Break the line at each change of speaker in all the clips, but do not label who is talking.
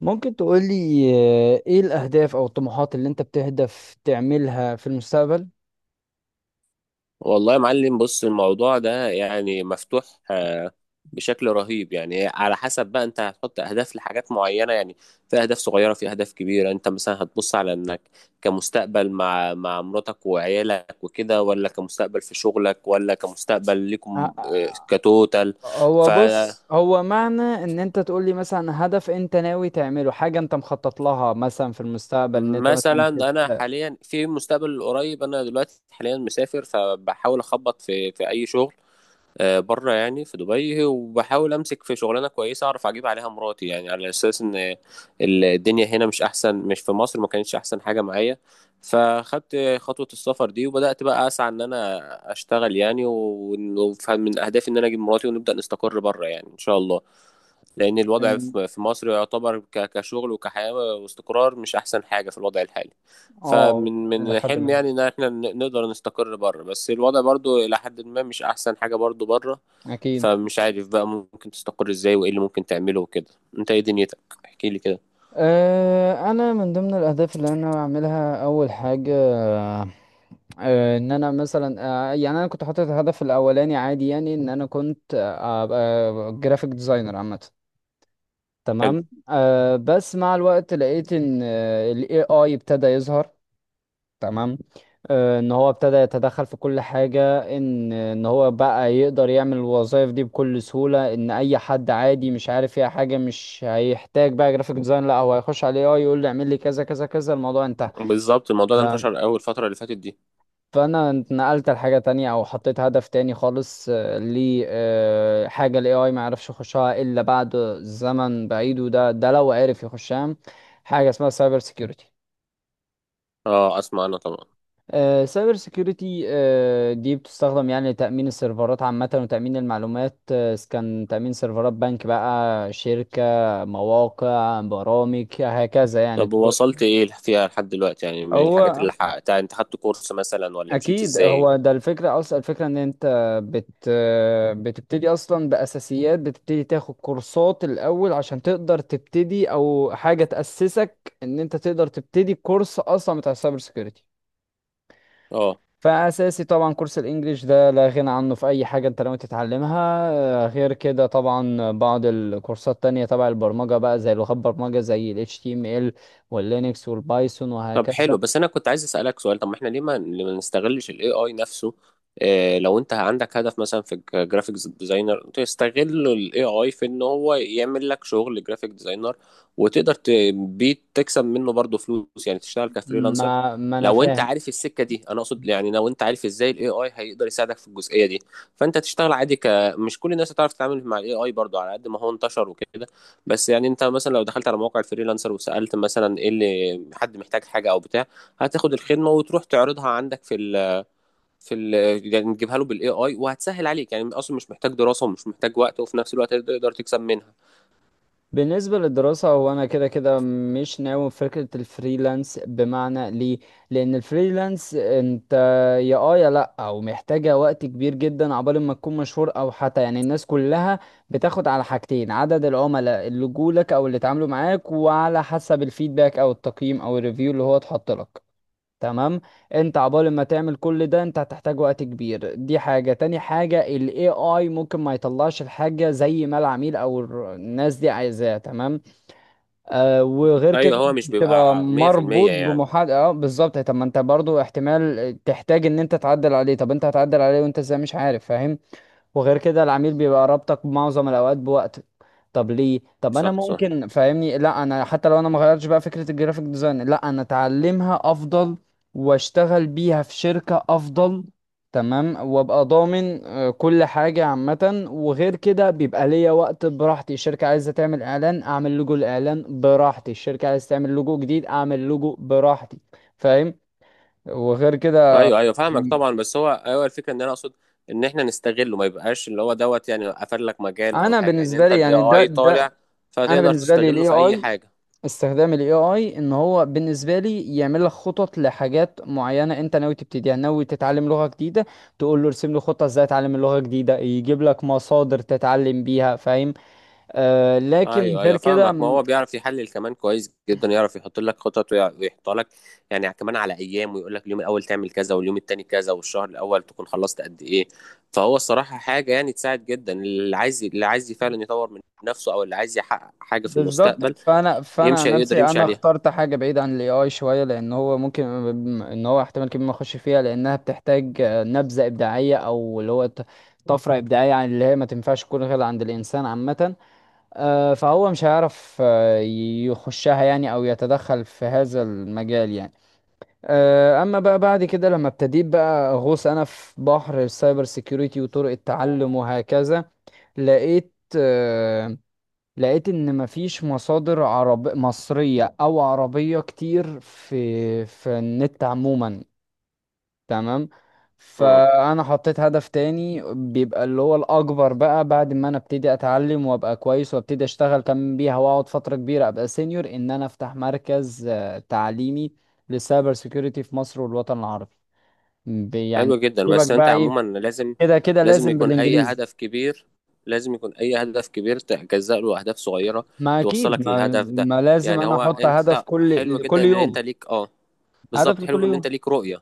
ممكن تقولي ايه الأهداف أو الطموحات اللي انت بتهدف تعملها في المستقبل؟
والله يا معلم، بص الموضوع ده يعني مفتوح آه، بشكل رهيب. يعني على حسب بقى انت هتحط اهداف لحاجات معينه يعني. في اهداف صغيره، في اهداف كبيره. انت مثلا هتبص على انك كمستقبل مع مراتك وعيالك وكده، ولا كمستقبل في شغلك، ولا كمستقبل لكم
ه-
كتوتال.
هو بص، هو معنى ان انت تقولي مثلا هدف انت ناوي تعمله، حاجة انت مخطط لها مثلا في المستقبل، ان انت مثلا
فمثلا انا حاليا في المستقبل القريب، انا دلوقتي حاليا مسافر، فبحاول اخبط في اي شغل بره، يعني في دبي، وبحاول امسك في شغلانه كويسه اعرف اجيب عليها مراتي، يعني على اساس ان الدنيا هنا مش احسن، مش في مصر ما كانتش احسن حاجه معايا. فخدت خطوه السفر دي، وبدات بقى اسعى ان انا اشتغل يعني، ومن اهدافي ان انا اجيب مراتي ونبدا نستقر بره، يعني ان شاء الله. لأن الوضع
إن-
في مصر يعتبر كشغل وكحياة واستقرار، مش أحسن حاجة في الوضع الحالي.
اه،
فمن
إلى
من
حد
حلم
ما.
يعني إن احنا نقدر نستقر بره، بس الوضع برضو إلى حد ما مش أحسن حاجة برضو بره.
أكيد.
فمش عارف بقى ممكن تستقر إزاي، وإيه اللي ممكن تعمله وكده. أنت إيه دنيتك؟ احكي لي كده.
أه، أنا من ضمن الأهداف اللي أنا بعملها أول حاجة ان انا مثلا، يعني انا كنت حاطط الهدف الاولاني عادي، يعني ان انا كنت ابقى جرافيك ديزاينر عامه.
حلو.
تمام، بس مع الوقت لقيت ان ال AI ابتدى يظهر. تمام، ان هو ابتدى يتدخل في كل حاجة، ان هو بقى يقدر يعمل الوظائف دي بكل سهولة، ان اي حد عادي مش عارف فيها حاجة مش هيحتاج بقى جرافيك ديزاين، لا هو هيخش على ال AI يقول له اعمل لي كذا كذا كذا، الموضوع انتهى.
بالظبط، الموضوع ده
ده،
انتشر أول الفترة اللي فاتت دي.
فانا اتنقلت لحاجه تانية او حطيت هدف تاني خالص، لي حاجه الاي اي ما يعرفش يخشها الا بعد زمن بعيد، وده لو عرف يخشها، حاجه اسمها سايبر سيكيورتي.
أه، أسمع أنا طبعا.
سايبر سيكيورتي دي بتستخدم يعني لتأمين السيرفرات عامة وتأمين المعلومات، إذا كان تأمين سيرفرات بنك بقى، شركة، مواقع، برامج، هكذا يعني
طب
طرق.
وصلت إيه فيها لحد دلوقتي، يعني من الحاجات اللي
هو
حققتها؟ أنت خدت كورس مثلا، ولا مشيت
اكيد
إزاي؟
هو ده الفكره اصلا، الفكره ان انت بت بتبتدي اصلا باساسيات، بتبتدي تاخد كورسات الاول عشان تقدر تبتدي، او حاجه تاسسك ان انت تقدر تبتدي كورس اصلا بتاع السايبر سيكيورتي.
أه.
فاساسي طبعا كورس الانجليش، ده لا غنى عنه في اي حاجه انت لو تتعلمها. غير كده طبعا بعض الكورسات التانية تبع البرمجه بقى، زي لغات برمجه زي ال HTML واللينكس والبايثون
طب حلو،
وهكذا.
بس انا كنت عايز اسالك سؤال. طب ما احنا ليه ما نستغلش الاي اي نفسه؟ إيه لو انت عندك هدف مثلا في جرافيكس ديزاينر، تستغل الاي اي في ان هو يعمل لك شغل جرافيك ديزاينر، وتقدر بيه تكسب منه برضه فلوس، يعني تشتغل كفريلانسر.
ما انا
لو انت
فاهم.
عارف السكه دي، انا اقصد يعني لو انت عارف ازاي الاي اي هيقدر يساعدك في الجزئيه دي، فانت تشتغل عادي ك. مش كل الناس هتعرف تتعامل مع الاي اي برضه، على قد ما هو انتشر وكده. بس يعني انت مثلا لو دخلت على موقع الفريلانسر، وسألت مثلا ايه اللي حد محتاج حاجة او بتاع، هتاخد الخدمة وتروح تعرضها عندك في ال في ال يعني تجيبها له بالاي اي، وهتسهل عليك يعني، اصلا مش محتاج دراسة ومش محتاج وقت، وفي نفس الوقت تقدر تكسب منها.
بالنسبة للدراسة، هو أنا كده كده مش ناوي في فكرة الفريلانس، بمعنى ليه؟ لأن الفريلانس أنت، يا يا لأ، أو محتاجة وقت كبير جدا عقبال ما تكون مشهور، أو حتى يعني الناس كلها بتاخد على حاجتين: عدد العملاء اللي جولك أو اللي اتعاملوا معاك، وعلى حسب الفيدباك أو التقييم أو الريفيو اللي هو اتحط لك. تمام، انت عبال ما تعمل كل ده انت هتحتاج وقت كبير، دي حاجة. تاني حاجة، ال AI ممكن ما يطلعش الحاجة زي ما العميل او الناس دي عايزاها، تمام. وغير كده
ايوه، هو مش
بتبقى
بيبقى
مربوط
100% يعني.
بمحاد. اه بالظبط، طب ما انت برضو احتمال تحتاج ان انت تعدل عليه، طب انت هتعدل عليه وانت ازاي مش عارف، فاهم. وغير كده العميل بيبقى رابطك معظم الاوقات بوقتك. طب ليه؟ طب انا
صح صح.
ممكن، فاهمني، لا انا حتى لو انا ما غيرتش بقى فكره الجرافيك ديزاين، لا انا اتعلمها افضل واشتغل بيها في شركه افضل. تمام، وابقى ضامن كل حاجه عامه، وغير كده بيبقى ليا وقت براحتي. الشركه عايزه تعمل اعلان، اعمل لوجو الاعلان براحتي. الشركه عايزه تعمل لوجو جديد، اعمل لوجو براحتي، فاهم. وغير كده،
ايوه ايوه فاهمك طبعا، بس هو ايوه الفكرة ان انا اقصد ان احنا نستغله، ما يبقاش اللي هو دوت يعني قفل لك مجال او
انا
حاجة، يعني
بالنسبه
انت
لي
الاي
يعني ده
اي
ده
طالع،
انا
فتقدر
بالنسبه لي
تستغله
الاي
في اي
اي،
حاجة.
استخدام الاي اي ان هو بالنسبه لي يعمل لك خطط لحاجات معينه انت ناوي تبتديها. يعني ناوي تتعلم لغه جديده، تقول له ارسم لي خطه ازاي اتعلم اللغه الجديده، يجيب لك مصادر تتعلم بيها، فاهم. لكن
ايوه
غير
ايوه
كده
فاهمك، ما هو بيعرف يحلل كمان كويس جدا، يعرف يحط لك خطط ويحطها لك يعني كمان على ايام، ويقول لك اليوم الاول تعمل كذا، واليوم التاني كذا، والشهر الاول تكون خلصت قد ايه. فهو الصراحه حاجه يعني تساعد جدا، اللي عايز فعلا يطور من نفسه، او اللي عايز يحقق حاجه في
بالظبط.
المستقبل،
فانا عن
يمشي يقدر
نفسي،
يمشي
انا
عليها.
اخترت حاجه بعيده عن الاي اي شويه، لان هو ممكن ان هو احتمال كبير ما اخش فيها لانها بتحتاج نبذه ابداعيه، او اللي هو طفره ابداعيه عن اللي هي ما تنفعش تكون غير عند الانسان عامه. فهو مش هيعرف يخشها يعني، او يتدخل في هذا المجال يعني. اما بقى بعد كده لما ابتديت بقى اغوص انا في بحر السايبر سيكيورتي وطرق التعلم وهكذا، لقيت، آه، لقيت ان مفيش مصادر عرب مصرية او عربية كتير في النت عموما. تمام،
امم.
فانا حطيت هدف تاني بيبقى اللي هو الاكبر بقى، بعد ما انا ابتدي اتعلم وابقى كويس وابتدي اشتغل كمان بيها واقعد فترة كبيرة ابقى سينيور، ان انا افتح مركز تعليمي للسايبر سيكيورتي في مصر والوطن العربي.
حلو
يعني
جدا، بس
يجيبك
انت
بقى ايه،
عموما لازم.
كده كده
لازم
لازم
يكون اي
بالانجليزي.
هدف كبير لازم يكون اي هدف كبير تجزأ له اهداف صغيره،
ما اكيد،
توصلك
ما,
للهدف ده.
ما لازم
يعني
انا
هو
احط هدف
انت
كل
حلو جدا
لكل
ان انت
يوم،
ليك، اه.
هدف
بالظبط،
لكل
حلو ان انت
يوم.
ليك رؤية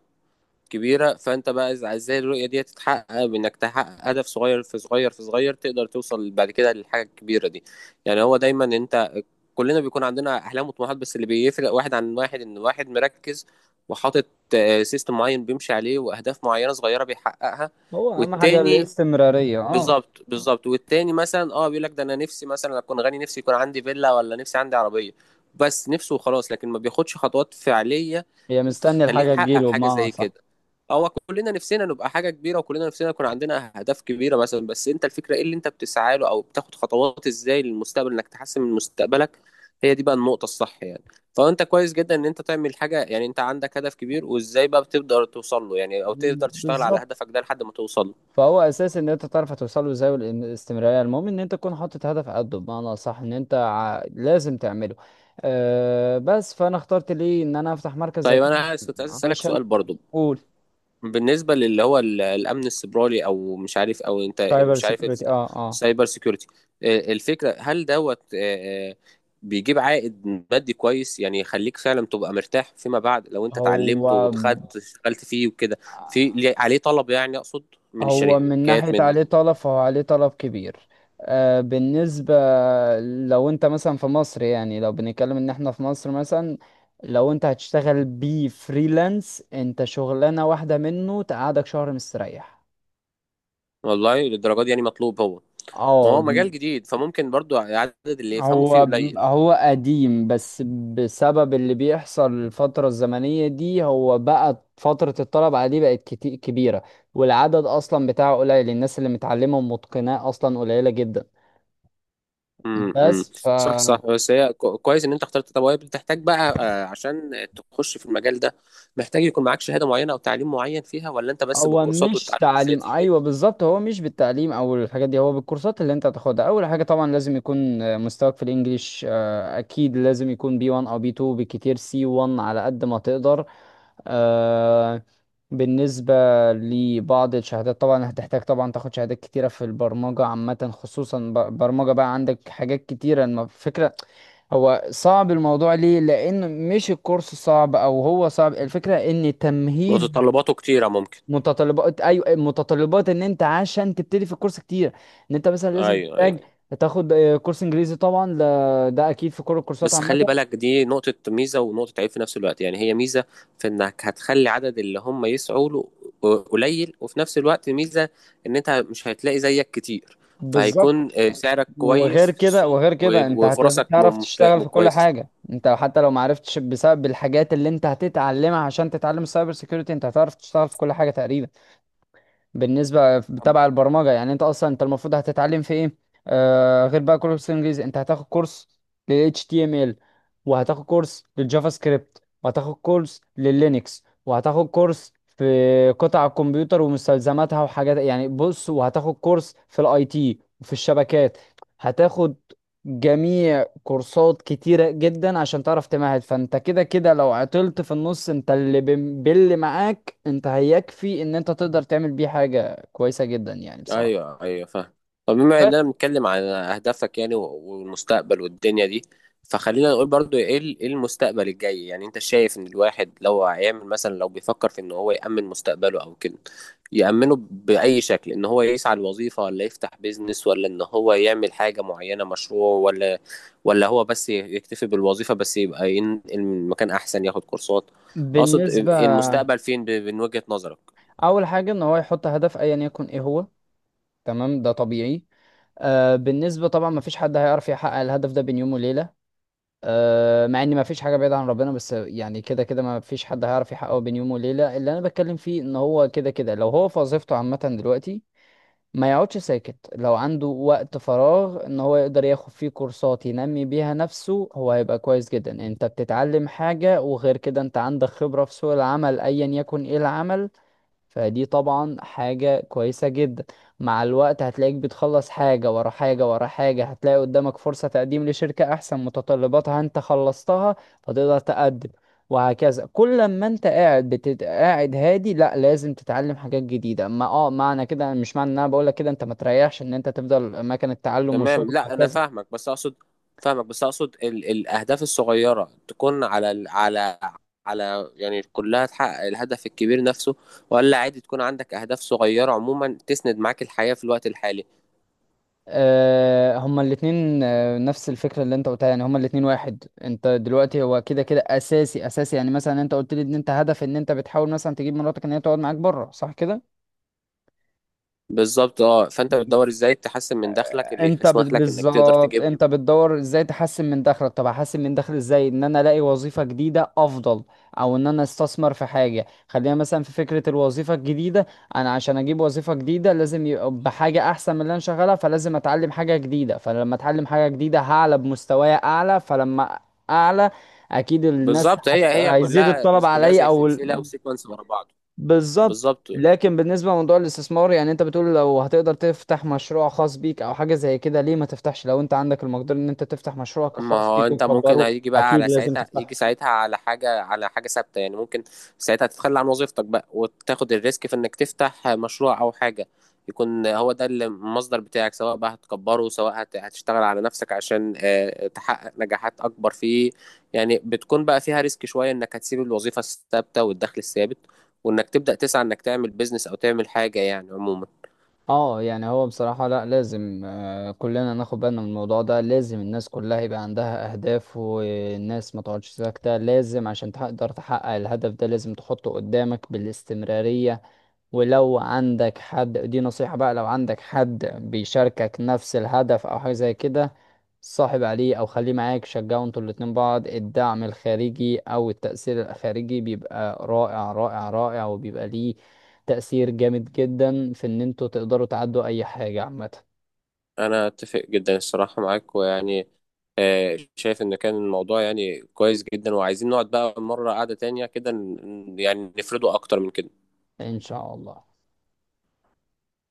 كبيرة. فانت بقى ازاي الرؤية دي تتحقق، بانك تحقق هدف صغير في صغير في صغير، تقدر توصل بعد كده للحاجة الكبيرة دي. يعني هو دايما انت، كلنا بيكون عندنا احلام وطموحات، بس اللي بيفرق واحد عن واحد ان واحد مركز وحاطط سيستم معين بيمشي عليه، واهداف معينة صغيرة بيحققها.
هو اهم حاجة
والتاني،
الاستمرارية، اه.
بالظبط بالظبط، والتاني مثلا اه، بيقول لك ده انا نفسي مثلا اكون غني، نفسي يكون عندي فيلا، ولا نفسي عندي عربيه. بس نفسه وخلاص، لكن ما بياخدش خطوات فعليه
هي مستني
تخليه
الحاجة
يحقق
تجيله،
حاجه
بمعنى
زي
صح.
كده. هو كلنا نفسنا نبقى حاجه كبيره، وكلنا نفسنا يكون عندنا اهداف كبيره مثلا، بس انت الفكره ايه اللي انت بتسعى له، او بتاخد خطوات ازاي للمستقبل انك تحسن من مستقبلك. هي دي بقى النقطه الصح يعني. فانت كويس جدا ان انت تعمل حاجه، يعني انت عندك هدف كبير، وازاي بقى بتقدر توصل له يعني، او تقدر تشتغل على
بالظبط،
هدفك ده لحد ما توصل له.
فهو اساس ان انت تعرف هتوصل له ازاي، والاستمراريه المهم ان انت تكون حاطط هدف قده، بمعنى اصح ان انت لازم تعمله. أه بس فانا اخترت ليه ان انا افتح مركز زي
طيب
كده،
انا عايز، كنت عايز اسالك
عشان
سؤال برضو.
اقول،
بالنسبه للي هو الامن السيبراني، او مش عارف، او انت
سايبر
مش عارف
سيكيورتي، اه اه.
السايبر سيكيورتي الفكره هل دوت، بيجيب عائد مادي كويس يعني، يخليك فعلا تبقى مرتاح فيما بعد لو انت
هو
اتعلمته ودخلت اشتغلت فيه وكده. عليه طلب يعني، اقصد من
هو من
الشركات،
ناحية
من.
عليه طلب، فهو عليه طلب كبير. بالنسبة، لو انت مثلا في مصر، يعني لو بنتكلم ان احنا في مصر مثلا، لو انت هتشتغل بيه فريلانس، انت شغلانة واحدة منه تقعدك شهر مستريح.
والله، للدرجه دي يعني مطلوب هو؟
اه
وهو مجال جديد، فممكن برضو عدد اللي يفهموا فيه قليل.
هو قديم، بس بسبب اللي بيحصل الفترة الزمنية دي هو بقى فترة الطلب عليه بقت كتير كبيرة، والعدد اصلا بتاعه قليل، الناس اللي متعلمة ومتقناه اصلا قليلة جدا.
امم.
بس ف
صح صح، بس هي كويس ان انت اخترت. طب وهي بتحتاج بقى عشان تخش في المجال ده، محتاج يكون معاك شهادة معينة او تعليم معين فيها، ولا انت بس
هو
بالكورسات
مش
والتعلم
تعليم،
الذاتي؟
ايوه بالظبط، هو مش بالتعليم او الحاجات دي، هو بالكورسات اللي انت هتاخدها. اول حاجه طبعا لازم يكون مستواك في الانجليش، اكيد لازم يكون بي 1 او بي 2، بكتير سي 1 على قد ما تقدر. آه، بالنسبه لبعض الشهادات طبعا، هتحتاج طبعا تاخد شهادات كتيره في البرمجه عامه، خصوصا برمجه، بقى عندك حاجات كتيره، فكره، هو صعب الموضوع ليه، لان مش الكورس صعب او هو صعب، الفكره ان تمهيد،
متطلباته كتيرة ممكن؟
متطلبات، ايوه متطلبات، ان انت عشان تبتدي في الكورس كتير، ان انت مثلا لازم
ايوه ايوه،
تحتاج تاخد كورس انجليزي طبعا، ده اكيد في كل الكورسات
بس
عامه،
خلي بالك دي نقطة ميزة ونقطة عيب في نفس الوقت. يعني هي ميزة في انك هتخلي عدد اللي هم يسعوا له قليل، وفي نفس الوقت ميزة ان انت مش هتلاقي زيك كتير.
بالظبط.
فهيكون سعرك
وغير
كويس في
كده،
السوق
وغير كده انت
وفرصك
هتعرف تشتغل في كل
كويسة.
حاجه، انت حتى لو ما عرفتش، بسبب الحاجات اللي انت هتتعلمها عشان تتعلم السايبر سيكيورتي انت هتعرف تشتغل في كل حاجه تقريبا. بالنسبه تبع البرمجه يعني، انت اصلا انت المفروض هتتعلم في ايه؟ غير بقى كورس انجليزي، انت هتاخد كورس لل HTML، وهتاخد كورس للجافا سكريبت، وهتاخد كورس لللينكس، وهتاخد كورس في قطع الكمبيوتر ومستلزماتها وحاجات، يعني بص، وهتاخد كورس في الاي تي وفي الشبكات. هتاخد جميع كورسات كتيرة جدا عشان تعرف تمهد، فانت كده كده لو عطلت في النص انت اللي باللي معاك، انت هيكفي ان انت تقدر تعمل بيه حاجة كويسة جدا يعني بصراحة.
ايوه ايوه فاهم. طب بما اننا
بس
بنتكلم على اهدافك يعني والمستقبل والدنيا دي، فخلينا نقول برضو ايه إيه المستقبل الجاي؟ يعني انت شايف ان الواحد لو هيعمل مثلا، لو بيفكر في ان هو يأمن مستقبله او كده، يأمنه بأي شكل؟ ان هو يسعى لوظيفة، ولا يفتح بيزنس، ولا ان هو يعمل حاجة معينة مشروع، ولا هو بس يكتفي بالوظيفة، بس يبقى ينقل من مكان احسن، ياخد كورسات. اقصد
بالنسبة،
إيه المستقبل فين من وجهة نظرك؟
أول حاجة إن هو يحط هدف أيا يكن إيه هو. تمام، ده طبيعي. بالنسبة طبعا، مفيش حد هيعرف يحقق الهدف ده بين يوم وليلة، مع إن مفيش حاجة بعيدة عن ربنا، بس يعني كده كده مفيش حد هيعرف يحققه بين يوم وليلة. اللي أنا بتكلم فيه إن هو كده كده لو هو في وظيفته عامة دلوقتي ما يقعدش ساكت، لو عنده وقت فراغ ان هو يقدر ياخد فيه كورسات ينمي بيها نفسه، هو هيبقى كويس جدا. انت بتتعلم حاجة، وغير كده انت عندك خبرة في سوق العمل ايا يكن ايه العمل، فدي طبعا حاجة كويسة جدا. مع الوقت هتلاقيك بتخلص حاجة ورا حاجة ورا حاجة، هتلاقي قدامك فرصة تقديم لشركة أحسن متطلباتها أنت خلصتها، فتقدر تقدم، وهكذا. كل ما أنت قاعد قاعد هادي، لا لازم تتعلم حاجات جديدة، ما معنى كده، مش معنى إن أنا بقولك كده أنت ما تريحش، إن أنت تفضل مكان، التعلم وشغل
تمام، لا انا
وهكذا.
فاهمك بس اقصد، الاهداف الصغيره تكون على على يعني كلها تحقق الهدف الكبير نفسه، ولا عادي تكون عندك اهداف صغيره عموما تسند معاك الحياه في الوقت الحالي؟
هما الاتنين، نفس الفكرة اللي انت قلتها، يعني هما الاتنين واحد. انت دلوقتي هو كده كده اساسي اساسي، يعني مثلا انت قلت لي ان انت هدف ان انت بتحاول مثلا تجيب مراتك ان هي تقعد معاك بره، صح كده؟
بالظبط اه، فانت بتدور ازاي تحسن من دخلك اللي
انت
يسمح لك انك تقدر
بالظبط
تجيبه.
انت بتدور ازاي تحسن من دخلك. طب هحسن من دخلي ازاي؟ ان انا الاقي وظيفة جديدة افضل، او ان انا استثمر في حاجة. خلينا مثلا في فكرة الوظيفة الجديدة، انا عشان اجيب وظيفة جديدة لازم يبقى بحاجة احسن من اللي انا شغالها، فلازم اتعلم حاجة جديدة، فلما اتعلم حاجة جديدة هعلى بمستواي اعلى، فلما اعلى اكيد الناس
بالظبط، هي هي
هيزيد
كلها
الطلب
كلها
عليا
زي
او
سلسله وسيكونس ورا بعض.
بالظبط.
بالظبط،
لكن بالنسبة لموضوع الاستثمار يعني، انت بتقول لو هتقدر تفتح مشروع خاص بيك او حاجة زي كده، ليه ما تفتحش؟ لو انت عندك المقدرة ان انت تفتح مشروعك
ما
الخاص
هو
بيك
انت ممكن
وتكبره،
هيجي بقى
اكيد
على
لازم
ساعتها، يجي
تفتح.
ساعتها على حاجة، ثابتة يعني، ممكن ساعتها تتخلى عن وظيفتك بقى، وتاخد الريسك في انك تفتح مشروع او حاجة يكون هو ده اللي المصدر بتاعك، سواء بقى هتكبره، سواء هتشتغل على نفسك عشان تحقق نجاحات اكبر فيه. يعني بتكون بقى فيها ريسك شوية، انك هتسيب الوظيفة الثابتة والدخل الثابت، وانك تبدأ تسعى انك تعمل بيزنس، او تعمل حاجة يعني عموما.
اه يعني هو بصراحة لا لازم، كلنا ناخد بالنا من الموضوع ده، لازم الناس كلها يبقى عندها اهداف، والناس ما تقعدش ساكتة، لازم عشان تقدر تحقق الهدف ده لازم تحطه قدامك بالاستمرارية. ولو عندك حد، دي نصيحة بقى، لو عندك حد بيشاركك نفس الهدف او حاجة زي كده، صاحب عليه او خليه معاك، شجعوا انتوا الاتنين بعض، الدعم الخارجي او التأثير الخارجي بيبقى رائع رائع رائع، وبيبقى ليه تأثير جامد جدا في ان انتوا تقدروا تعدوا اي حاجة عامة.
انا اتفق جدا الصراحه معاك، ويعني شايف ان كان الموضوع يعني كويس جدا، وعايزين نقعد بقى مره قعده تانية كده، يعني نفرده اكتر من كده.
ان شاء الله.